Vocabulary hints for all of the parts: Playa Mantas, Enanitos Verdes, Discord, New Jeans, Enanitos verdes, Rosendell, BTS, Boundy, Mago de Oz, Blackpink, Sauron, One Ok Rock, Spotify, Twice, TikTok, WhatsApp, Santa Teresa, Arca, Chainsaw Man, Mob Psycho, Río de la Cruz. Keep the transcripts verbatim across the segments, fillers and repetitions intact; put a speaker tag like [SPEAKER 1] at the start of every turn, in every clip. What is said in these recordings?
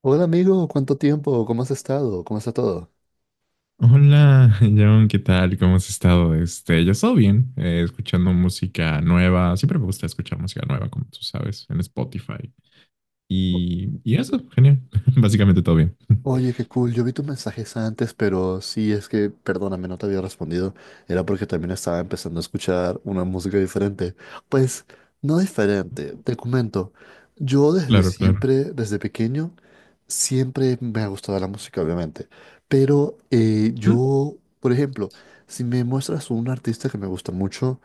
[SPEAKER 1] Hola amigo, ¿cuánto tiempo? ¿Cómo has estado? ¿Cómo está todo?
[SPEAKER 2] Hola, John, ¿qué tal? ¿Cómo has estado? Este, yo estoy bien, eh, escuchando música nueva. Siempre me gusta escuchar música nueva, como tú sabes, en Spotify. Y, y eso, genial. Básicamente todo bien.
[SPEAKER 1] Oye, qué cool. Yo vi tus mensajes antes, pero sí, es que, perdóname, no te había respondido. Era porque también estaba empezando a escuchar una música diferente. Pues, no diferente, te comento. Yo desde
[SPEAKER 2] Claro, claro.
[SPEAKER 1] siempre, desde pequeño, siempre me ha gustado la música, obviamente. Pero eh,
[SPEAKER 2] ¿Mm?
[SPEAKER 1] yo, por ejemplo, si me muestras un artista que me gusta mucho,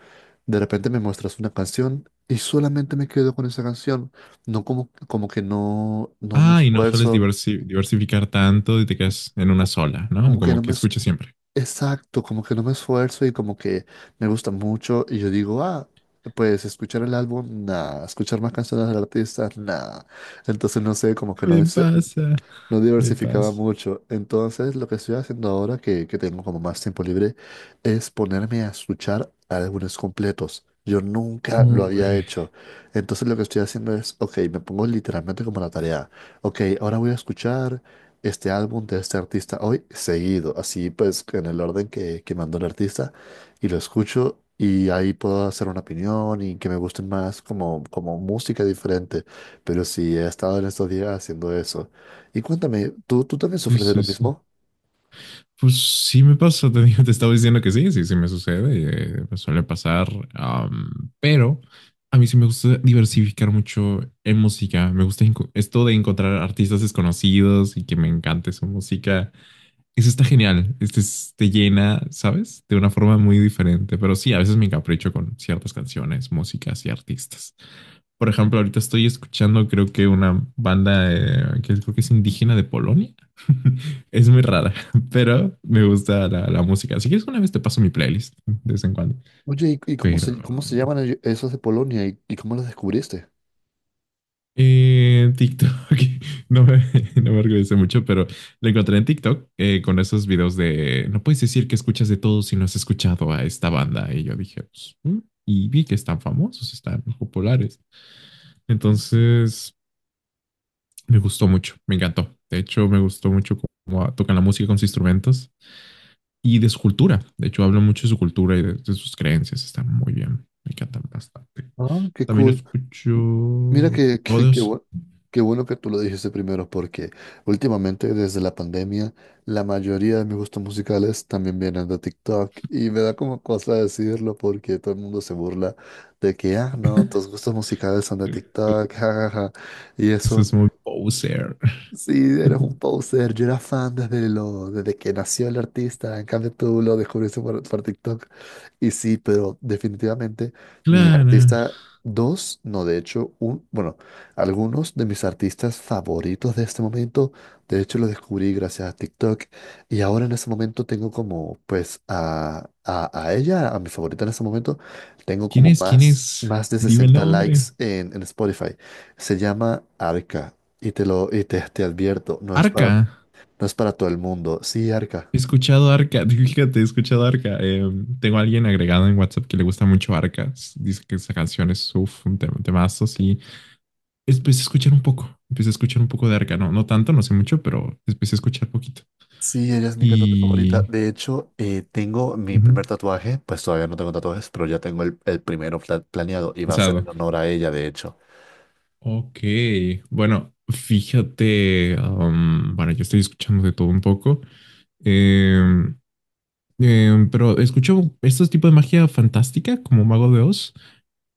[SPEAKER 1] de repente me muestras una canción y solamente me quedo con esa canción. No como, como que no, no me
[SPEAKER 2] Ah, y no sueles
[SPEAKER 1] esfuerzo
[SPEAKER 2] diversi- diversificar tanto y te quedas en una
[SPEAKER 1] co-
[SPEAKER 2] sola, ¿no?
[SPEAKER 1] como que no
[SPEAKER 2] Como que
[SPEAKER 1] me, es-
[SPEAKER 2] escuchas siempre.
[SPEAKER 1] exacto, como que no me esfuerzo y como que me gusta mucho y yo digo, ah, pues escuchar el álbum, nada, escuchar más canciones del artista, nada. Entonces no sé, como que no
[SPEAKER 2] Me
[SPEAKER 1] es,
[SPEAKER 2] pasa,
[SPEAKER 1] no
[SPEAKER 2] me
[SPEAKER 1] diversificaba
[SPEAKER 2] pasa.
[SPEAKER 1] mucho. Entonces, lo que estoy haciendo ahora que, que tengo como más tiempo libre es ponerme a escuchar álbumes completos. Yo nunca lo había
[SPEAKER 2] Uy,
[SPEAKER 1] hecho. Entonces, lo que estoy haciendo es, ok, me pongo literalmente como la tarea. Ok, ahora voy a escuchar este álbum de este artista hoy seguido, así pues en el orden que, que mandó el artista y lo escucho. Y ahí puedo hacer una opinión y que me gusten más como, como música diferente. Pero sí, he estado en estos días haciendo eso. Y cuéntame, ¿tú, tú también
[SPEAKER 2] sí,
[SPEAKER 1] sufres de lo
[SPEAKER 2] sí, sí.
[SPEAKER 1] mismo?
[SPEAKER 2] Pues sí me pasa, te digo, te estaba diciendo que sí, sí, sí me sucede, eh, me suele pasar, am, pero a mí sí me gusta diversificar mucho en música, me gusta enco- esto de encontrar artistas desconocidos y que me encante su música. Eso está genial, este es- te llena, ¿sabes? De una forma muy diferente, pero sí, a veces me encapricho con ciertas canciones, músicas y artistas. Por ejemplo, ahorita estoy escuchando, creo que una banda eh, que creo que es indígena de Polonia. Es muy rara, pero me gusta la, la música. Si quieres, una vez te paso mi playlist de vez en cuando.
[SPEAKER 1] Oye, ¿y, y cómo
[SPEAKER 2] Pero
[SPEAKER 1] se, cómo se llaman ello- esos de Polonia y, y cómo los descubriste?
[SPEAKER 2] eh, TikTok, no me, no me orgullece mucho, pero lo encontré en TikTok eh, con esos videos de no puedes decir que escuchas de todo si no has escuchado a esta banda. Y yo dije, pues, "Mm", y vi que están famosos, están populares. Entonces me gustó mucho, me encantó. De hecho, me gustó mucho cómo tocan la música con sus instrumentos y de su cultura. De hecho, hablan mucho de su cultura y de, de sus creencias. Está muy bien, me encantan bastante.
[SPEAKER 1] Ah, qué
[SPEAKER 2] También
[SPEAKER 1] cool.
[SPEAKER 2] escucho.
[SPEAKER 1] Mira que, que,
[SPEAKER 2] Juego.
[SPEAKER 1] que bu- qué bueno que tú lo dijiste primero, porque últimamente, desde la pandemia, la mayoría de mis gustos musicales también vienen de TikTok y me da como cosa decirlo porque todo el mundo se burla de que, ah, no, tus gustos musicales son de TikTok, jajaja. Y
[SPEAKER 2] Eso
[SPEAKER 1] eso.
[SPEAKER 2] es muy poser.
[SPEAKER 1] Sí, eres un poser. Yo era fan desde, lo, desde que nació el artista. En cambio, tú lo descubriste por, por TikTok. Y sí, pero definitivamente mi
[SPEAKER 2] Claro.
[SPEAKER 1] artista, dos, no, de hecho, un, bueno, algunos de mis artistas favoritos de este momento, de hecho, los descubrí gracias a TikTok. Y ahora en ese momento tengo como, pues, a, a, a ella, a mi favorita en ese momento, tengo
[SPEAKER 2] ¿Quién
[SPEAKER 1] como
[SPEAKER 2] es? ¿Quién
[SPEAKER 1] más,
[SPEAKER 2] es?
[SPEAKER 1] más de
[SPEAKER 2] Dime el
[SPEAKER 1] sesenta likes
[SPEAKER 2] nombre.
[SPEAKER 1] en, en Spotify. Se llama Arca. Y te lo, y te, te advierto, no es
[SPEAKER 2] Arca.
[SPEAKER 1] para, no es para todo el mundo. Sí, Arca.
[SPEAKER 2] He escuchado Arca, fíjate, he escuchado Arca. Eh, tengo a alguien agregado en WhatsApp que le gusta mucho Arca. Dice que esa canción es uf, un tem- temazo, sí. Empecé a escuchar un poco, empecé a escuchar un poco de Arca, no, no tanto, no sé mucho, pero empecé a escuchar poquito.
[SPEAKER 1] Sí, ella es mi cantante favorita.
[SPEAKER 2] Y
[SPEAKER 1] De hecho, eh, tengo mi
[SPEAKER 2] ujú,
[SPEAKER 1] primer tatuaje, pues todavía no tengo tatuajes, pero ya tengo el, el primero pla- planeado y va a ser
[SPEAKER 2] pensado,
[SPEAKER 1] en honor a ella, de hecho.
[SPEAKER 2] ok, bueno, fíjate, um, bueno, yo estoy escuchando de todo un poco. em, em, pero escucho estos tipos de magia fantástica como Mago de Oz,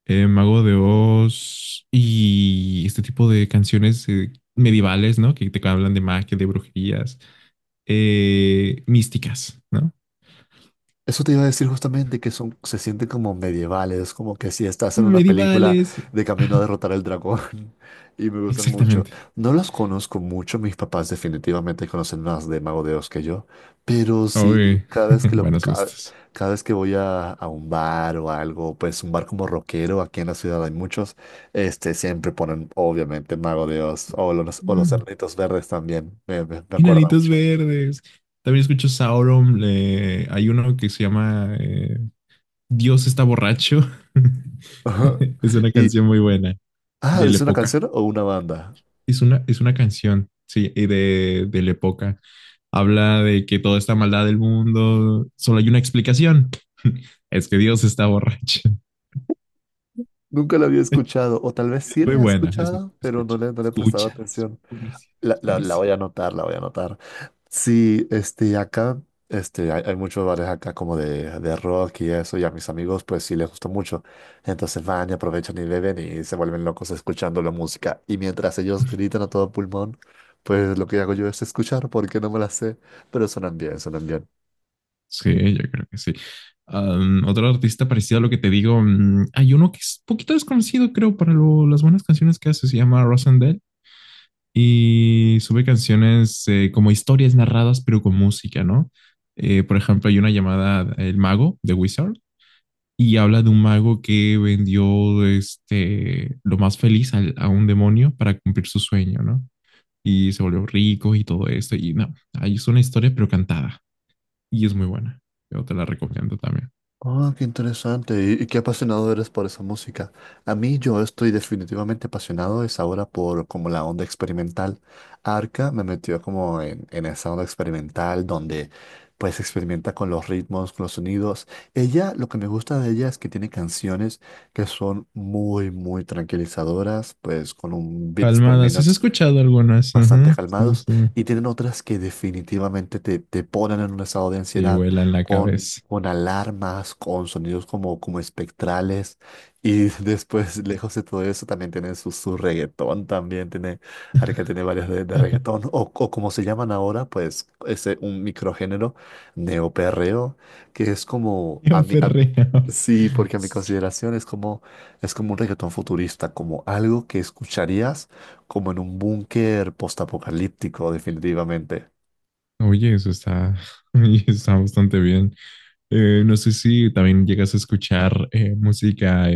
[SPEAKER 2] eh, Mago de Oz y este tipo de canciones eh, medievales, ¿no? Que te hablan de magia, de brujerías, eh, místicas, ¿no?
[SPEAKER 1] Eso te iba a decir justamente que son, se sienten como medievales, como que si estás en una película
[SPEAKER 2] Medievales,
[SPEAKER 1] de camino a derrotar al dragón. Y me gustan mucho.
[SPEAKER 2] exactamente.
[SPEAKER 1] No los conozco mucho, mis papás definitivamente conocen más de Mago de Oz que yo, pero sí,
[SPEAKER 2] Uy,
[SPEAKER 1] cada vez que, lo,
[SPEAKER 2] buenos
[SPEAKER 1] ca-
[SPEAKER 2] gustos.
[SPEAKER 1] cada, vez que voy a, a un bar o algo, pues un bar como rockero, aquí en la ciudad hay muchos, este, siempre ponen obviamente Mago de Oz o los, o los
[SPEAKER 2] Mm.
[SPEAKER 1] Enanitos Verdes también, me, me, me acuerda
[SPEAKER 2] Enanitos
[SPEAKER 1] mucho.
[SPEAKER 2] verdes. También escucho Sauron. Le- hay uno que se llama eh, Dios está borracho. Es una
[SPEAKER 1] Y,
[SPEAKER 2] canción muy buena
[SPEAKER 1] ah,
[SPEAKER 2] de la
[SPEAKER 1] ¿es una
[SPEAKER 2] época.
[SPEAKER 1] canción o una banda?
[SPEAKER 2] Es una, es una canción, sí, y de, de la época. Habla de que toda esta maldad del mundo, solo hay una explicación. Es que Dios está borracho.
[SPEAKER 1] Nunca la había escuchado, o tal vez
[SPEAKER 2] Es
[SPEAKER 1] sí
[SPEAKER 2] muy
[SPEAKER 1] la he
[SPEAKER 2] buena. Es,
[SPEAKER 1] escuchado, pero no
[SPEAKER 2] escucha,
[SPEAKER 1] le, no le he prestado
[SPEAKER 2] escúchala.
[SPEAKER 1] atención.
[SPEAKER 2] Buenísima,
[SPEAKER 1] La, la, la voy
[SPEAKER 2] buenísima.
[SPEAKER 1] a anotar, la voy a anotar. Sí, este, acá, este, hay, hay muchos bares acá como de, de rock y eso, y a mis amigos pues sí les gusta mucho. Entonces van y aprovechan y beben y se vuelven locos escuchando la música. Y mientras ellos gritan a todo pulmón, pues lo que hago yo es escuchar porque no me la sé, pero suenan bien, suenan bien.
[SPEAKER 2] Sí, yo creo que sí. Am, otro artista parecido a lo que te digo, mm, hay uno que es poquito desconocido, creo, para lo- las buenas canciones que hace, se llama Rosendell y sube canciones eh, como historias narradas, pero con música, ¿no? Eh, por ejemplo, hay una llamada El Mago de Wizard y habla de un mago que vendió este, lo más feliz al- a un demonio para cumplir su sueño, ¿no? Y se volvió rico y todo esto, y no, ahí es una historia, pero cantada, y es muy buena. Yo te la recomiendo también.
[SPEAKER 1] Ah, qué interesante y, y qué apasionado eres por esa música. A mí yo estoy definitivamente apasionado es ahora por como la onda experimental. Arca me metió como en, en esa onda experimental donde pues experimenta con los ritmos, con los sonidos. Ella, lo que me gusta de ella es que tiene canciones que son muy, muy tranquilizadoras, pues con un beats per
[SPEAKER 2] Calmada, ¿sí has
[SPEAKER 1] minute
[SPEAKER 2] escuchado algunas?
[SPEAKER 1] bastante
[SPEAKER 2] Ajá, sí,
[SPEAKER 1] calmados
[SPEAKER 2] sí.
[SPEAKER 1] y tienen otras que definitivamente te, te ponen en un estado de
[SPEAKER 2] Sí,
[SPEAKER 1] ansiedad
[SPEAKER 2] vuela en la
[SPEAKER 1] con,
[SPEAKER 2] cabeza.
[SPEAKER 1] con alarmas, con sonidos como, como espectrales y después, lejos de todo eso, también tienen su, su reggaetón, también tiene, Arca tiene varias de, de reggaetón o, o como se llaman ahora, pues ese un microgénero neoperreo que es como...
[SPEAKER 2] Yo
[SPEAKER 1] A mi- a-
[SPEAKER 2] perreo.
[SPEAKER 1] Sí, porque a mi consideración es como, es como, un reggaetón futurista, como algo que escucharías como en un búnker postapocalíptico, definitivamente.
[SPEAKER 2] Oye, eso está, oye, está bastante bien. Eh, no sé si también llegas a escuchar eh, música eh,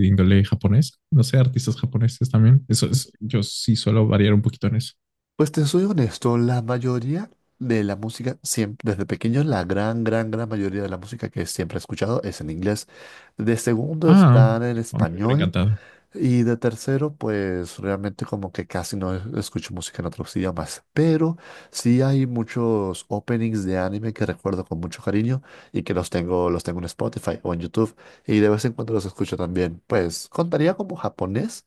[SPEAKER 2] de índole japonés. No sé, artistas japoneses también. Eso es, yo sí suelo variar un poquito en eso.
[SPEAKER 1] Pues te soy honesto, la mayoría de la música, siempre, desde pequeño, la gran, gran, gran mayoría de la música que siempre he escuchado es en inglés. De segundo
[SPEAKER 2] Ah,
[SPEAKER 1] están en
[SPEAKER 2] a mí me hubiera
[SPEAKER 1] español
[SPEAKER 2] encantado.
[SPEAKER 1] y de tercero, pues realmente como que casi no es- escucho música en otros idiomas. Pero sí hay muchos openings de anime que recuerdo con mucho cariño y que los tengo, los tengo en Spotify o en YouTube y de vez en cuando los escucho también. Pues contaría como japonés.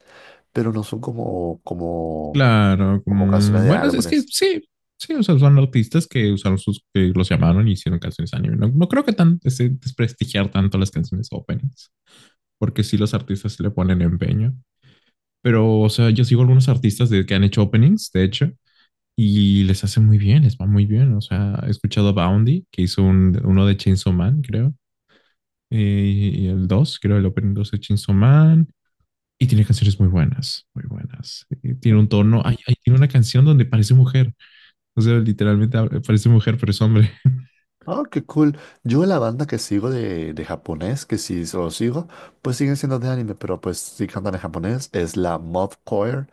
[SPEAKER 1] Pero no son como, como,
[SPEAKER 2] Claro,
[SPEAKER 1] como canciones
[SPEAKER 2] como,
[SPEAKER 1] de
[SPEAKER 2] bueno, es que
[SPEAKER 1] álbumes.
[SPEAKER 2] sí, sí, o sea, son artistas que usaron sus, que los llamaron y hicieron canciones anime. No, no creo que tan ese- desprestigiar tanto las canciones openings, porque sí los artistas sí le ponen empeño. Pero, o sea, yo sigo algunos artistas de, que han hecho openings, de hecho, y les hace muy bien, les va muy bien. O sea, he escuchado a Boundy, que hizo un- uno de Chainsaw Man, creo, eh, y el dos, creo, el opening dos de Chainsaw Man. Y tiene canciones muy buenas, muy buenas. Y tiene un tono, ay, ay, tiene una canción donde parece mujer. O sea, literalmente hab- parece mujer, pero es hombre.
[SPEAKER 1] Oh, qué cool. Yo la banda que sigo de, de japonés, que sí lo sigo, pues siguen siendo de anime, pero pues sí cantan en japonés, es la Mob Choir,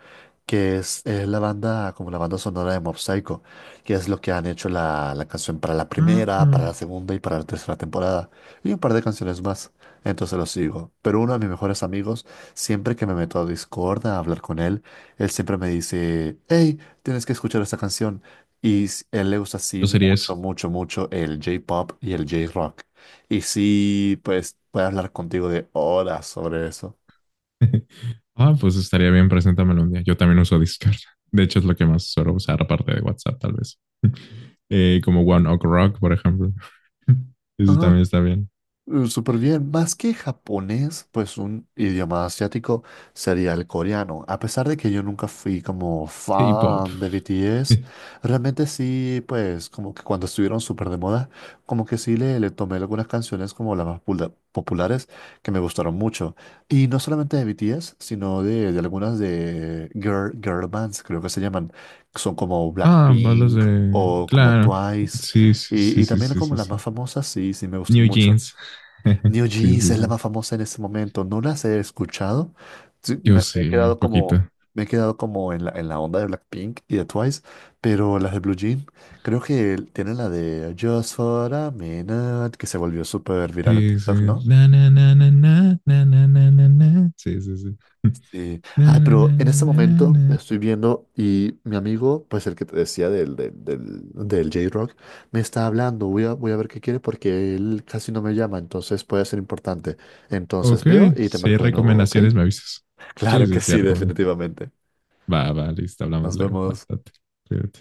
[SPEAKER 1] que es, es la banda, como la banda sonora de Mob Psycho, que es lo que han hecho la, la canción para la primera, para
[SPEAKER 2] Ah.
[SPEAKER 1] la segunda y para la tercera temporada, y un par de canciones más. Entonces lo sigo. Pero uno de mis mejores amigos, siempre que me meto a Discord a hablar con él, él siempre me dice, hey, tienes que escuchar esta canción. Y s- él le gusta así
[SPEAKER 2] Yo sería eso.
[SPEAKER 1] mucho, mucho, mucho el J-pop y el J-rock. Y sí, pues puede hablar contigo de horas sobre eso.
[SPEAKER 2] Ah, pues estaría bien, preséntamelo un día. Yo también uso Discord. De hecho, es lo que más suelo usar, aparte de WhatsApp, tal vez. Eh, como One Ok Rock, por ejemplo. Eso también está bien.
[SPEAKER 1] Eh, Súper bien, más que japonés, pues un idioma asiático sería el coreano. A pesar de que yo nunca fui como
[SPEAKER 2] K-pop.
[SPEAKER 1] fan de B T S, realmente sí, pues como que cuando estuvieron súper de moda, como que sí le, le tomé algunas canciones como las más pula- populares que me gustaron mucho. Y no solamente de B T S, sino de, de algunas de girl, girl bands, creo que se llaman, que son como
[SPEAKER 2] Ah, balas
[SPEAKER 1] Blackpink
[SPEAKER 2] de...
[SPEAKER 1] o como
[SPEAKER 2] Claro.
[SPEAKER 1] Twice.
[SPEAKER 2] Sí, sí,
[SPEAKER 1] Y,
[SPEAKER 2] sí,
[SPEAKER 1] y
[SPEAKER 2] sí,
[SPEAKER 1] también
[SPEAKER 2] sí,
[SPEAKER 1] como
[SPEAKER 2] sí,
[SPEAKER 1] las
[SPEAKER 2] sí.
[SPEAKER 1] más famosas, sí, sí me gustan
[SPEAKER 2] New
[SPEAKER 1] mucho.
[SPEAKER 2] Jeans.
[SPEAKER 1] New
[SPEAKER 2] Sí,
[SPEAKER 1] Jeans
[SPEAKER 2] sí,
[SPEAKER 1] es
[SPEAKER 2] sí.
[SPEAKER 1] la más famosa en este momento. No las he escuchado. Sí,
[SPEAKER 2] Yo
[SPEAKER 1] Me, me
[SPEAKER 2] sí,
[SPEAKER 1] he
[SPEAKER 2] un
[SPEAKER 1] quedado como,
[SPEAKER 2] poquito.
[SPEAKER 1] me he quedado como, en la, en la onda de Blackpink y de Twice, pero las de Blue Jean, creo que tienen la de Just for a Minute, que se volvió súper viral en
[SPEAKER 2] Sí, sí.
[SPEAKER 1] TikTok, ¿no?
[SPEAKER 2] Na, na, na, na, na, na, na, na, na, na. Sí, sí, sí.
[SPEAKER 1] Sí. Ay,
[SPEAKER 2] Na, na, na,
[SPEAKER 1] pero en
[SPEAKER 2] na,
[SPEAKER 1] este
[SPEAKER 2] na,
[SPEAKER 1] momento
[SPEAKER 2] na.
[SPEAKER 1] estoy viendo y mi amigo, pues el que te decía del, del, del, del J-Rock, me está hablando. Voy a, voy a ver qué quiere porque él casi no me llama, entonces puede ser importante. Entonces
[SPEAKER 2] Ok,
[SPEAKER 1] veo y te
[SPEAKER 2] si hay
[SPEAKER 1] marco de nuevo, ¿ok?
[SPEAKER 2] recomendaciones, me avisas. Sí,
[SPEAKER 1] Claro que
[SPEAKER 2] sí, sí,
[SPEAKER 1] sí,
[SPEAKER 2] recomiendo.
[SPEAKER 1] definitivamente.
[SPEAKER 2] Va, va, listo, hablamos
[SPEAKER 1] Nos
[SPEAKER 2] luego. Va,
[SPEAKER 1] vemos.
[SPEAKER 2] date, cuídate.